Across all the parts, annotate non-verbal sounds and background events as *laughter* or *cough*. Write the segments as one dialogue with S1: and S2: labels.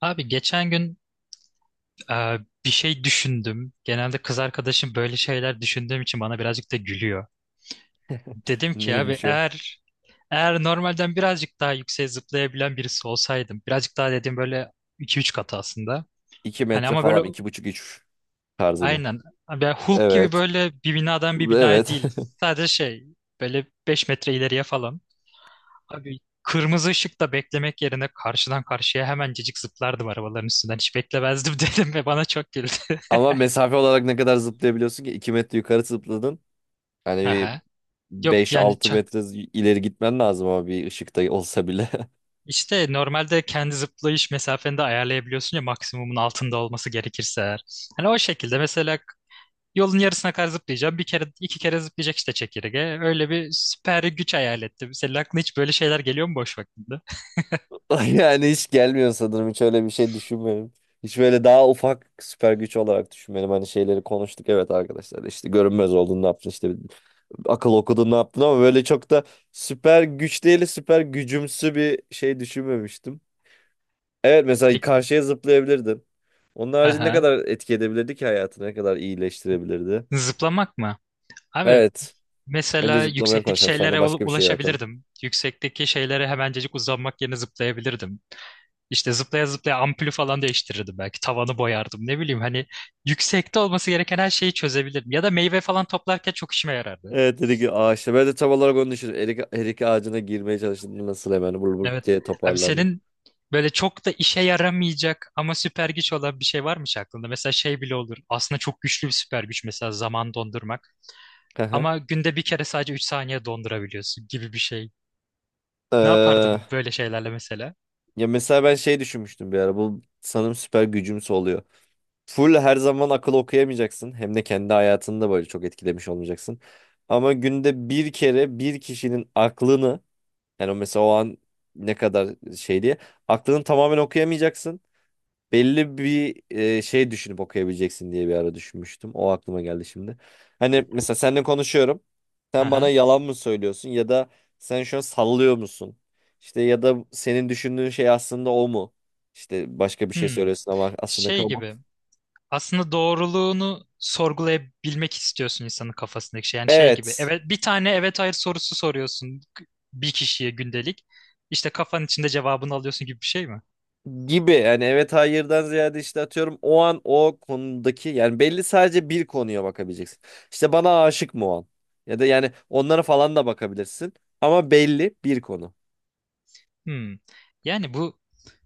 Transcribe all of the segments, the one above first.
S1: Abi geçen gün e, bir şey düşündüm. Genelde kız arkadaşım böyle şeyler düşündüğüm için bana birazcık da gülüyor. Dedim ki abi
S2: Neymiş o?
S1: eğer normalden birazcık daha yükseğe zıplayabilen birisi olsaydım. Birazcık daha dediğim böyle iki üç katı aslında.
S2: 2
S1: Hani
S2: metre
S1: ama böyle
S2: falan, 2,5 3 tarzı mı?
S1: aynen. Abi Hulk gibi
S2: Evet.
S1: böyle bir binadan bir binaya
S2: Evet.
S1: değil. Sadece şey böyle 5 metre ileriye falan. Abi kırmızı ışıkta beklemek yerine karşıdan karşıya hemencecik zıplardım arabaların üstünden. Hiç beklemezdim *laughs* dedim ve bana çok güldü.
S2: *laughs* Ama mesafe olarak ne kadar zıplayabiliyorsun ki? 2 metre yukarı zıpladın. Hani
S1: *laughs*
S2: bir
S1: Aha. Yok
S2: beş
S1: yani
S2: altı metre ileri gitmen lazım ama bir ışıkta olsa bile. *laughs*
S1: işte normalde kendi zıplayış mesafeni de ayarlayabiliyorsun ya maksimumun altında olması gerekirse eğer. Hani o şekilde mesela yolun yarısına kadar zıplayacağım. Bir kere iki kere zıplayacak işte çekirge. Öyle bir süper güç hayal ettim. Senin aklına hiç böyle şeyler geliyor mu boş vaktinde?
S2: Yani hiç gelmiyor sanırım. Hiç öyle bir şey düşünmedim. Hiç böyle daha ufak süper güç olarak düşünmedim. Hani şeyleri konuştuk, evet arkadaşlar. İşte görünmez oldun ne yaptın, İşte akıl okudun ne yaptın, ama böyle çok da süper güç değil, süper gücümsü bir şey düşünmemiştim. Evet, mesela
S1: Peki.
S2: karşıya zıplayabilirdin. Onun harici ne
S1: Aha.
S2: kadar etki edebilirdi ki hayatını, ne kadar iyileştirebilirdi.
S1: Zıplamak mı? Abi
S2: Evet. Önce
S1: mesela
S2: zıplamaya
S1: yüksekteki
S2: konuşalım,
S1: şeylere
S2: sonra başka bir şey yaratalım.
S1: ulaşabilirdim. Yüksekteki şeylere hemencecik uzanmak yerine zıplayabilirdim. İşte zıplaya zıplaya ampulü falan değiştirirdim belki. Tavanı boyardım. Ne bileyim hani yüksekte olması gereken her şeyi çözebilirdim. Ya da meyve falan toplarken çok işime yarardı.
S2: Evet, dedi ki ağaçta. Ben de tam olarak onu düşündüm. Erik, erik ağacına girmeye çalıştığımda nasıl hemen vur vur
S1: Evet.
S2: diye
S1: Abi
S2: toparlardım.
S1: senin böyle çok da işe yaramayacak ama süper güç olan bir şey varmış aklında? Mesela şey bile olur. Aslında çok güçlü bir süper güç mesela zaman dondurmak.
S2: Hı hı.
S1: Ama günde bir kere sadece 3 saniye dondurabiliyorsun gibi bir şey. Ne
S2: Ee,
S1: yapardım böyle şeylerle mesela?
S2: ya mesela ben şey düşünmüştüm bir ara. Bu sanırım süper gücümse oluyor. Full her zaman akıl okuyamayacaksın. Hem de kendi hayatını da böyle çok etkilemiş olmayacaksın. Ama günde bir kere bir kişinin aklını. Yani o mesela o an ne kadar şey diye. Aklını tamamen okuyamayacaksın. Belli bir şey düşünüp okuyabileceksin diye bir ara düşünmüştüm. O aklıma geldi şimdi. Hani mesela seninle konuşuyorum. Sen bana
S1: Aha.
S2: yalan mı söylüyorsun, ya da sen şu an sallıyor musun? İşte ya da senin düşündüğün şey aslında o mu? İşte başka bir şey
S1: Hmm.
S2: söylüyorsun ama aslında
S1: Şey
S2: o mu?
S1: gibi. Aslında doğruluğunu sorgulayabilmek istiyorsun insanın kafasındaki şey. Yani şey gibi.
S2: Evet.
S1: Evet, bir tane evet hayır sorusu soruyorsun bir kişiye gündelik. İşte kafanın içinde cevabını alıyorsun gibi bir şey mi?
S2: Gibi, yani evet hayırdan ziyade işte atıyorum o an o konudaki, yani belli, sadece bir konuya bakabileceksin. İşte bana aşık mı o an? Ya da yani onlara falan da bakabilirsin, ama belli bir konu.
S1: Hmm. Yani bu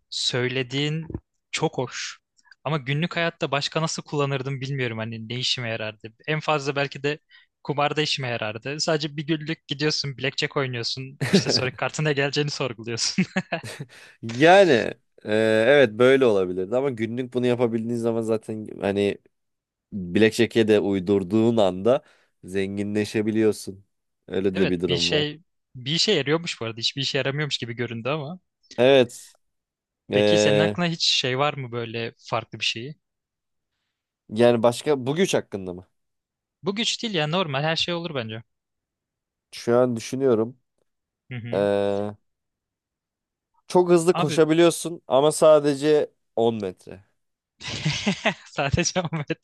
S1: söylediğin çok hoş. Ama günlük hayatta başka nasıl kullanırdım bilmiyorum hani ne işime yarardı. En fazla belki de kumarda işime yarardı. Sadece bir günlük gidiyorsun, blackjack oynuyorsun. İşte sonra
S2: *laughs*
S1: kartına geleceğini sorguluyorsun. *laughs*
S2: Yani evet böyle olabilirdi, ama günlük bunu yapabildiğin zaman zaten hani Blackjack'e de uydurduğun anda zenginleşebiliyorsun. Öyle de
S1: Evet,
S2: bir durum var.
S1: bir işe yarıyormuş bu arada. Hiçbir işe yaramıyormuş gibi göründü ama.
S2: Evet.
S1: Peki senin
S2: e,
S1: aklına hiç şey var mı böyle farklı bir şeyi?
S2: Yani başka bu güç hakkında mı?
S1: Bu güç değil ya normal her şey olur bence.
S2: Şu an düşünüyorum.
S1: Hı
S2: E,
S1: hı.
S2: Çok hızlı
S1: Abi
S2: koşabiliyorsun ama sadece 10 metre.
S1: *laughs* sadece o metre.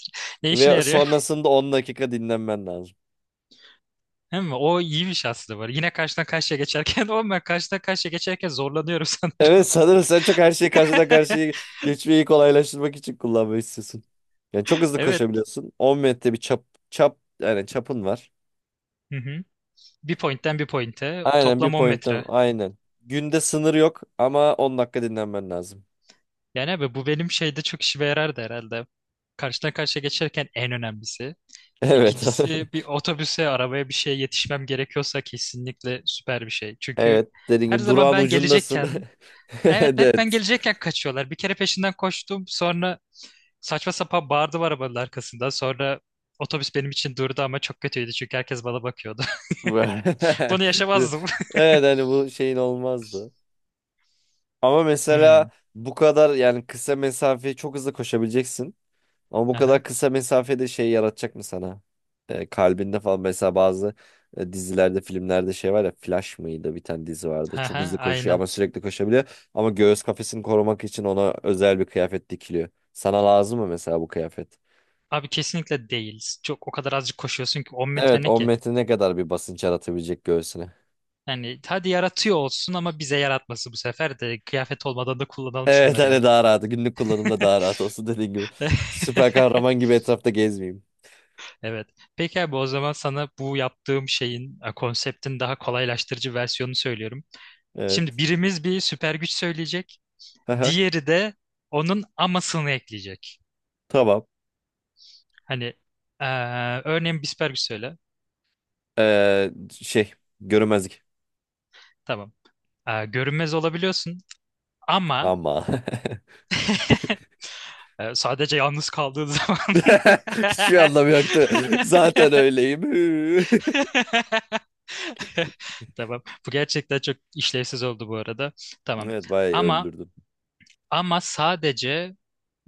S1: Ne işine
S2: Ve
S1: yarıyor?
S2: sonrasında 10 dakika dinlenmen lazım.
S1: Değil mi? O iyiymiş aslında var. Yine karşıdan karşıya geçerken *laughs* o ben karşıdan karşıya geçerken zorlanıyorum
S2: Evet
S1: sanırım.
S2: sanırım sen çok her şeyi karşıdan karşıya
S1: *laughs*
S2: geçmeyi kolaylaştırmak için kullanmayı istiyorsun. Yani çok hızlı
S1: Evet.
S2: koşabiliyorsun. 10 metre bir çap, çap yani çapın var.
S1: Hı hı. Bir pointten bir pointe.
S2: Aynen, bir
S1: Toplam 10
S2: pointten
S1: metre.
S2: aynen. Günde sınır yok ama 10 dakika dinlenmen lazım.
S1: Yani abi bu benim şeyde çok işime yarardı herhalde. Karşıdan karşıya geçerken en önemlisi.
S2: Evet. *laughs*
S1: İkincisi bir otobüse, arabaya bir şeye yetişmem gerekiyorsa kesinlikle süper bir şey. Çünkü
S2: Evet, dediğim
S1: her
S2: gibi
S1: zaman
S2: durağın
S1: ben
S2: ucundasın.
S1: gelecekken.
S2: *laughs*
S1: Evet, hep ben
S2: Evet.
S1: gelecekken kaçıyorlar. Bir kere peşinden koştum. Sonra saçma sapan bağırdılar arabanın arkasında. Sonra otobüs benim için durdu ama çok kötüydü çünkü herkes bana bakıyordu.
S2: Bu-
S1: *laughs*
S2: *laughs*
S1: Bunu yaşamazdım.
S2: Evet hani bu şeyin olmazdı. Ama mesela
S1: Hmm.
S2: bu kadar, yani kısa mesafeyi çok hızlı koşabileceksin. Ama bu kadar
S1: Aha.
S2: kısa mesafede şey yaratacak mı sana? Kalbinde falan mesela bazı dizilerde, filmlerde şey var ya, Flash mıydı bir tane dizi vardı. Çok
S1: Aha.
S2: hızlı koşuyor,
S1: Aynen.
S2: ama sürekli koşabiliyor. Ama göğüs kafesini korumak için ona özel bir kıyafet dikiliyor. Sana lazım mı mesela bu kıyafet?
S1: Abi kesinlikle değil. Çok o kadar azıcık koşuyorsun ki 10 metre
S2: Evet,
S1: ne
S2: 10
S1: ki?
S2: metre ne kadar bir basınç yaratabilecek göğsüne?
S1: Yani hadi yaratıyor olsun ama bize yaratması bu sefer de kıyafet olmadan da kullanalım
S2: Evet
S1: şunları
S2: hani
S1: ya.
S2: daha rahat. Günlük kullanımda daha rahat olsun, dediğin gibi. Süper
S1: *laughs*
S2: kahraman gibi etrafta gezmeyeyim.
S1: Evet. Peki abi o zaman sana bu yaptığım şeyin konseptin daha kolaylaştırıcı versiyonunu söylüyorum. Şimdi
S2: Evet.
S1: birimiz bir süper güç söyleyecek.
S2: *laughs*
S1: Diğeri de onun amasını ekleyecek.
S2: Tamam.
S1: Hani eee, örneğin bir süper güç söyle.
S2: Şey görünmezlik.
S1: Tamam. Görünmez olabiliyorsun ama
S2: Ama
S1: *laughs* sadece yalnız kaldığın zaman.
S2: *laughs* hiçbir anlamı yoktu. Zaten öyleyim. *laughs*
S1: *laughs* Tamam. Bu gerçekten çok işlevsiz oldu bu arada. Tamam.
S2: Evet bayağı
S1: Ama
S2: öldürdüm.
S1: ama sadece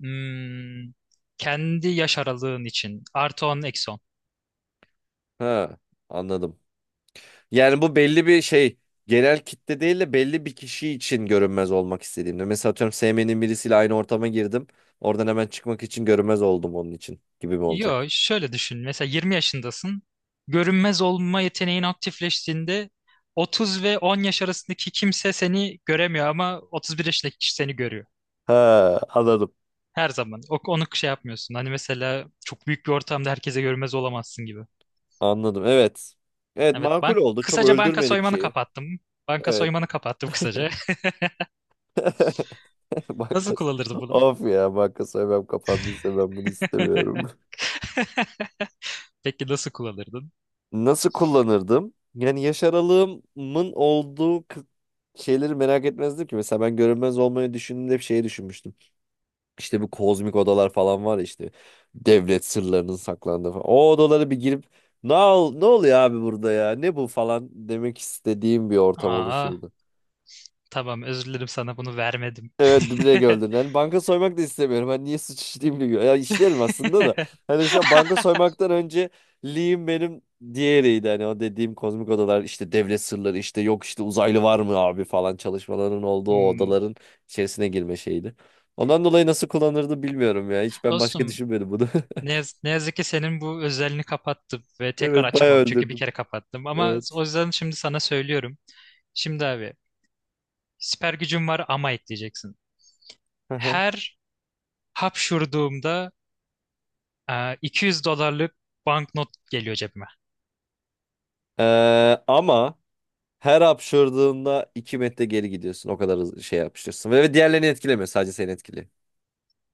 S1: hmm, kendi yaş aralığın için artı 10 eksi 10.
S2: Ha, anladım. Yani bu belli bir şey, genel kitle değil de belli bir kişi için görünmez olmak istediğimde. Mesela atıyorum sevmediğim birisiyle aynı ortama girdim. Oradan hemen çıkmak için görünmez oldum onun için, gibi mi
S1: Yo,
S2: olacak?
S1: şöyle düşün. Mesela 20 yaşındasın. Görünmez olma yeteneğin aktifleştiğinde 30 ve 10 yaş arasındaki kimse seni göremiyor ama 31 yaşındaki kişi seni görüyor.
S2: Ha, anladım.
S1: Her zaman. Onu şey yapmıyorsun. Hani mesela çok büyük bir ortamda herkese görünmez olamazsın gibi.
S2: Anladım evet. Evet
S1: Evet,
S2: makul oldu. Çok
S1: kısaca banka
S2: öldürmedik
S1: soymanı
S2: şeyi.
S1: kapattım. Banka
S2: Evet.
S1: soymanı kapattım kısaca.
S2: *laughs* *laughs*
S1: *laughs* Nasıl
S2: Bankas.
S1: kullanırdı bunu?
S2: Of ya, banka soymam kapandıysa ben bunu istemiyorum.
S1: *laughs* Peki nasıl kullanırdın?
S2: Nasıl kullanırdım? Yani yaş aralığımın olduğu şeyleri merak etmezdim ki. Mesela ben görünmez olmayı düşündüğümde bir şey düşünmüştüm. İşte bu kozmik odalar falan var ya işte. Devlet sırlarının saklandığı falan. O odalara bir girip ne oluyor abi burada ya? Ne bu falan, demek istediğim bir ortam
S1: Aa,
S2: oluşurdu.
S1: tamam özür dilerim sana bunu vermedim. *laughs*
S2: Evet duble gördün. Hani banka soymak da istemiyorum. Hani niye suç işleyeyim diyor. Ya işlerim aslında da. Hani şu an banka soymaktan önce Lee'im benim diğeriydi. Hani o dediğim kozmik odalar işte, devlet sırları işte, yok işte uzaylı var mı abi falan çalışmaların olduğu o
S1: Hmm.
S2: odaların içerisine girme şeydi. Ondan dolayı nasıl kullanırdı bilmiyorum ya. Hiç ben başka
S1: Dostum.
S2: düşünmedim bunu. *laughs*
S1: Ne yazık ki senin bu özelliğini kapattım ve tekrar
S2: Evet bayağı
S1: açamam çünkü bir
S2: öldürdüm.
S1: kere kapattım. Ama
S2: Evet.
S1: o yüzden şimdi sana söylüyorum. Şimdi abi süper gücüm var ama ekleyeceksin.
S2: Aha.
S1: Her hapşurduğumda 200 dolarlık banknot geliyor cebime.
S2: Ama her hapşırdığında 2 metre geri gidiyorsun. O kadar hızlı şey yapışıyorsun. Ve diğerlerini etkilemiyor. Sadece seni etkiliyor.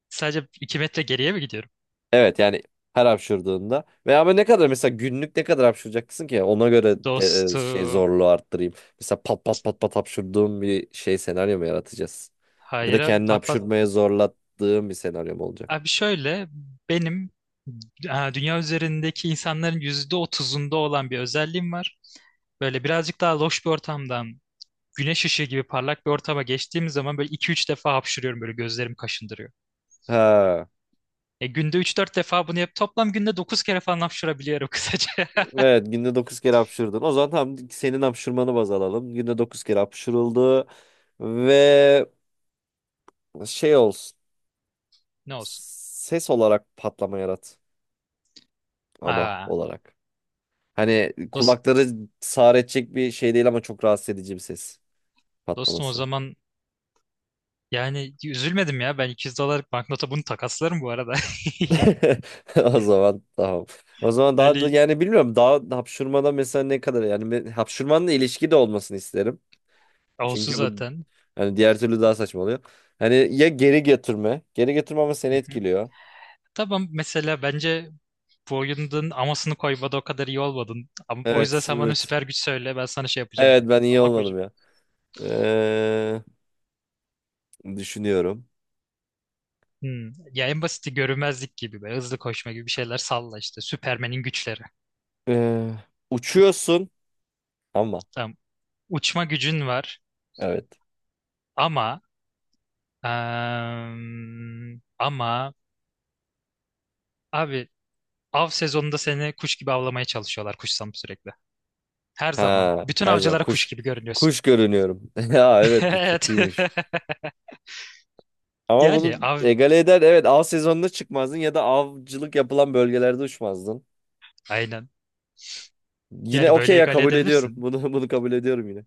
S1: Sadece 2 metre geriye mi gidiyorum?
S2: Evet yani her hapşırdığında. Veya ben ne kadar mesela günlük ne kadar hapşıracaksın ki? Ona göre de, şey,
S1: Dostum.
S2: zorluğu arttırayım. Mesela pat pat pat pat hapşırdığım bir şey, senaryo mu yaratacağız? Ya
S1: Hayır
S2: da
S1: abi,
S2: kendini
S1: pat pat.
S2: hapşırmaya zorlattığım bir senaryo mu olacak?
S1: Abi şöyle benim dünya üzerindeki insanların %30'unda olan bir özelliğim var. Böyle birazcık daha loş bir ortamdan güneş ışığı gibi parlak bir ortama geçtiğim zaman böyle iki üç defa hapşırıyorum böyle gözlerim kaşındırıyor.
S2: Ha.
S1: E günde üç dört defa bunu yap toplam günde 9 kere falan hapşırabiliyorum *laughs* kısaca.
S2: Evet günde 9 kere hapşırdın. O zaman tam senin hapşırmanı baz alalım. Günde 9 kere hapşırıldı. Ve şey olsun.
S1: Ne olsun.
S2: Ses olarak patlama yarat. Ama
S1: Aa,
S2: olarak. Hani
S1: dost,
S2: kulakları sağır edecek bir şey değil, ama çok rahatsız edici bir ses
S1: dostum o
S2: patlaması.
S1: zaman yani üzülmedim ya ben 200 dolarlık banknota bunu takaslarım bu arada. *laughs*
S2: *laughs* O zaman tamam. O zaman daha da
S1: Yani
S2: yani bilmiyorum, daha hapşurmada mesela ne kadar, yani hapşurmanın ilişki de olmasını isterim.
S1: olsun
S2: Çünkü bu,
S1: zaten.
S2: hani diğer türlü daha saçma oluyor. Hani ya geri götürme. Geri götürme ama seni
S1: Hı hı.
S2: etkiliyor.
S1: Tamam mesela bence bu oyunun amasını koymada o kadar iyi olmadın. Ama, o yüzden
S2: Evet,
S1: sen bana
S2: evet.
S1: süper güç söyle ben sana şey yapacağım.
S2: Evet ben iyi
S1: Ama
S2: olmadım
S1: koyacağım.
S2: ya. Ee, düşünüyorum.
S1: Hmm. Ya en basiti görünmezlik gibi böyle hızlı koşma gibi bir şeyler salla işte. Süpermen'in güçleri.
S2: Ee, uçuyorsun ama
S1: Tamam. Uçma gücün var
S2: evet.
S1: ama eee, ama abi av sezonunda seni kuş gibi avlamaya çalışıyorlar kuş sanıp sürekli. Her zaman.
S2: Ha,
S1: Bütün
S2: her zaman
S1: avcılara kuş
S2: kuş.
S1: gibi görünüyorsun.
S2: Kuş görünüyorum. *laughs* Ya evet, bu
S1: *laughs* Evet.
S2: kötüymüş.
S1: *laughs*
S2: Ama
S1: Yani
S2: bunu
S1: av
S2: egale eder. Evet av sezonunda çıkmazdın ya da avcılık yapılan bölgelerde uçmazdın.
S1: aynen.
S2: Yine
S1: Yani
S2: okey
S1: böyle
S2: ya,
S1: egale
S2: kabul ediyorum.
S1: edebilirsin.
S2: Bunu *laughs* bunu kabul ediyorum yine.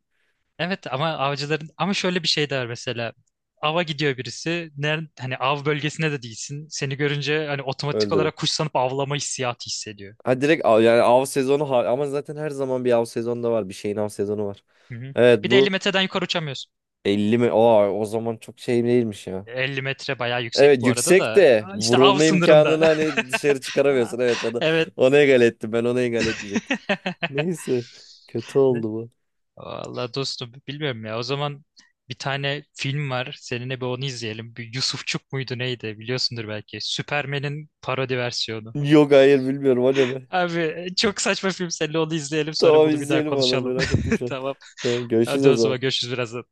S1: Evet ama avcıların ama şöyle bir şey de var mesela. Ava gidiyor birisi. Hani av bölgesine de değilsin. Seni görünce hani otomatik
S2: Öldürü.
S1: olarak kuş sanıp avlama hissiyatı hissediyor.
S2: Ha direkt av, yani av sezonu ama zaten her zaman bir av sezonu da var. Bir şeyin av sezonu var.
S1: Hı hı.
S2: Evet
S1: Bir de 50
S2: bu
S1: metreden yukarı uçamıyorsun.
S2: 50 mi? Aa, o zaman çok şey değilmiş ya.
S1: 50 metre bayağı yüksek
S2: Evet
S1: bu arada
S2: yüksek
S1: da
S2: de
S1: işte av
S2: vurulma
S1: sınırında.
S2: imkanını hani dışarı
S1: *laughs* Ha,
S2: çıkaramıyorsun. Evet onu,
S1: Evet.
S2: onu egale ettim, ben onu egale etmeyecektim.
S1: *laughs*
S2: Neyse. Kötü
S1: Ne?
S2: oldu bu.
S1: Vallahi dostum bilmiyorum ya. O zaman bir tane film var. Seninle bir onu izleyelim. Bir Yusufçuk muydu neydi biliyorsundur belki. Süpermen'in parodi versiyonu.
S2: Yok hayır bilmiyorum anime.
S1: Abi çok saçma film seninle onu izleyelim sonra
S2: Tamam
S1: bunu bir daha
S2: izleyelim valla,
S1: konuşalım.
S2: merak ettim şu
S1: *laughs*
S2: an.
S1: Tamam.
S2: Tamam görüşürüz
S1: Hadi
S2: o
S1: o zaman
S2: zaman.
S1: görüşürüz birazdan.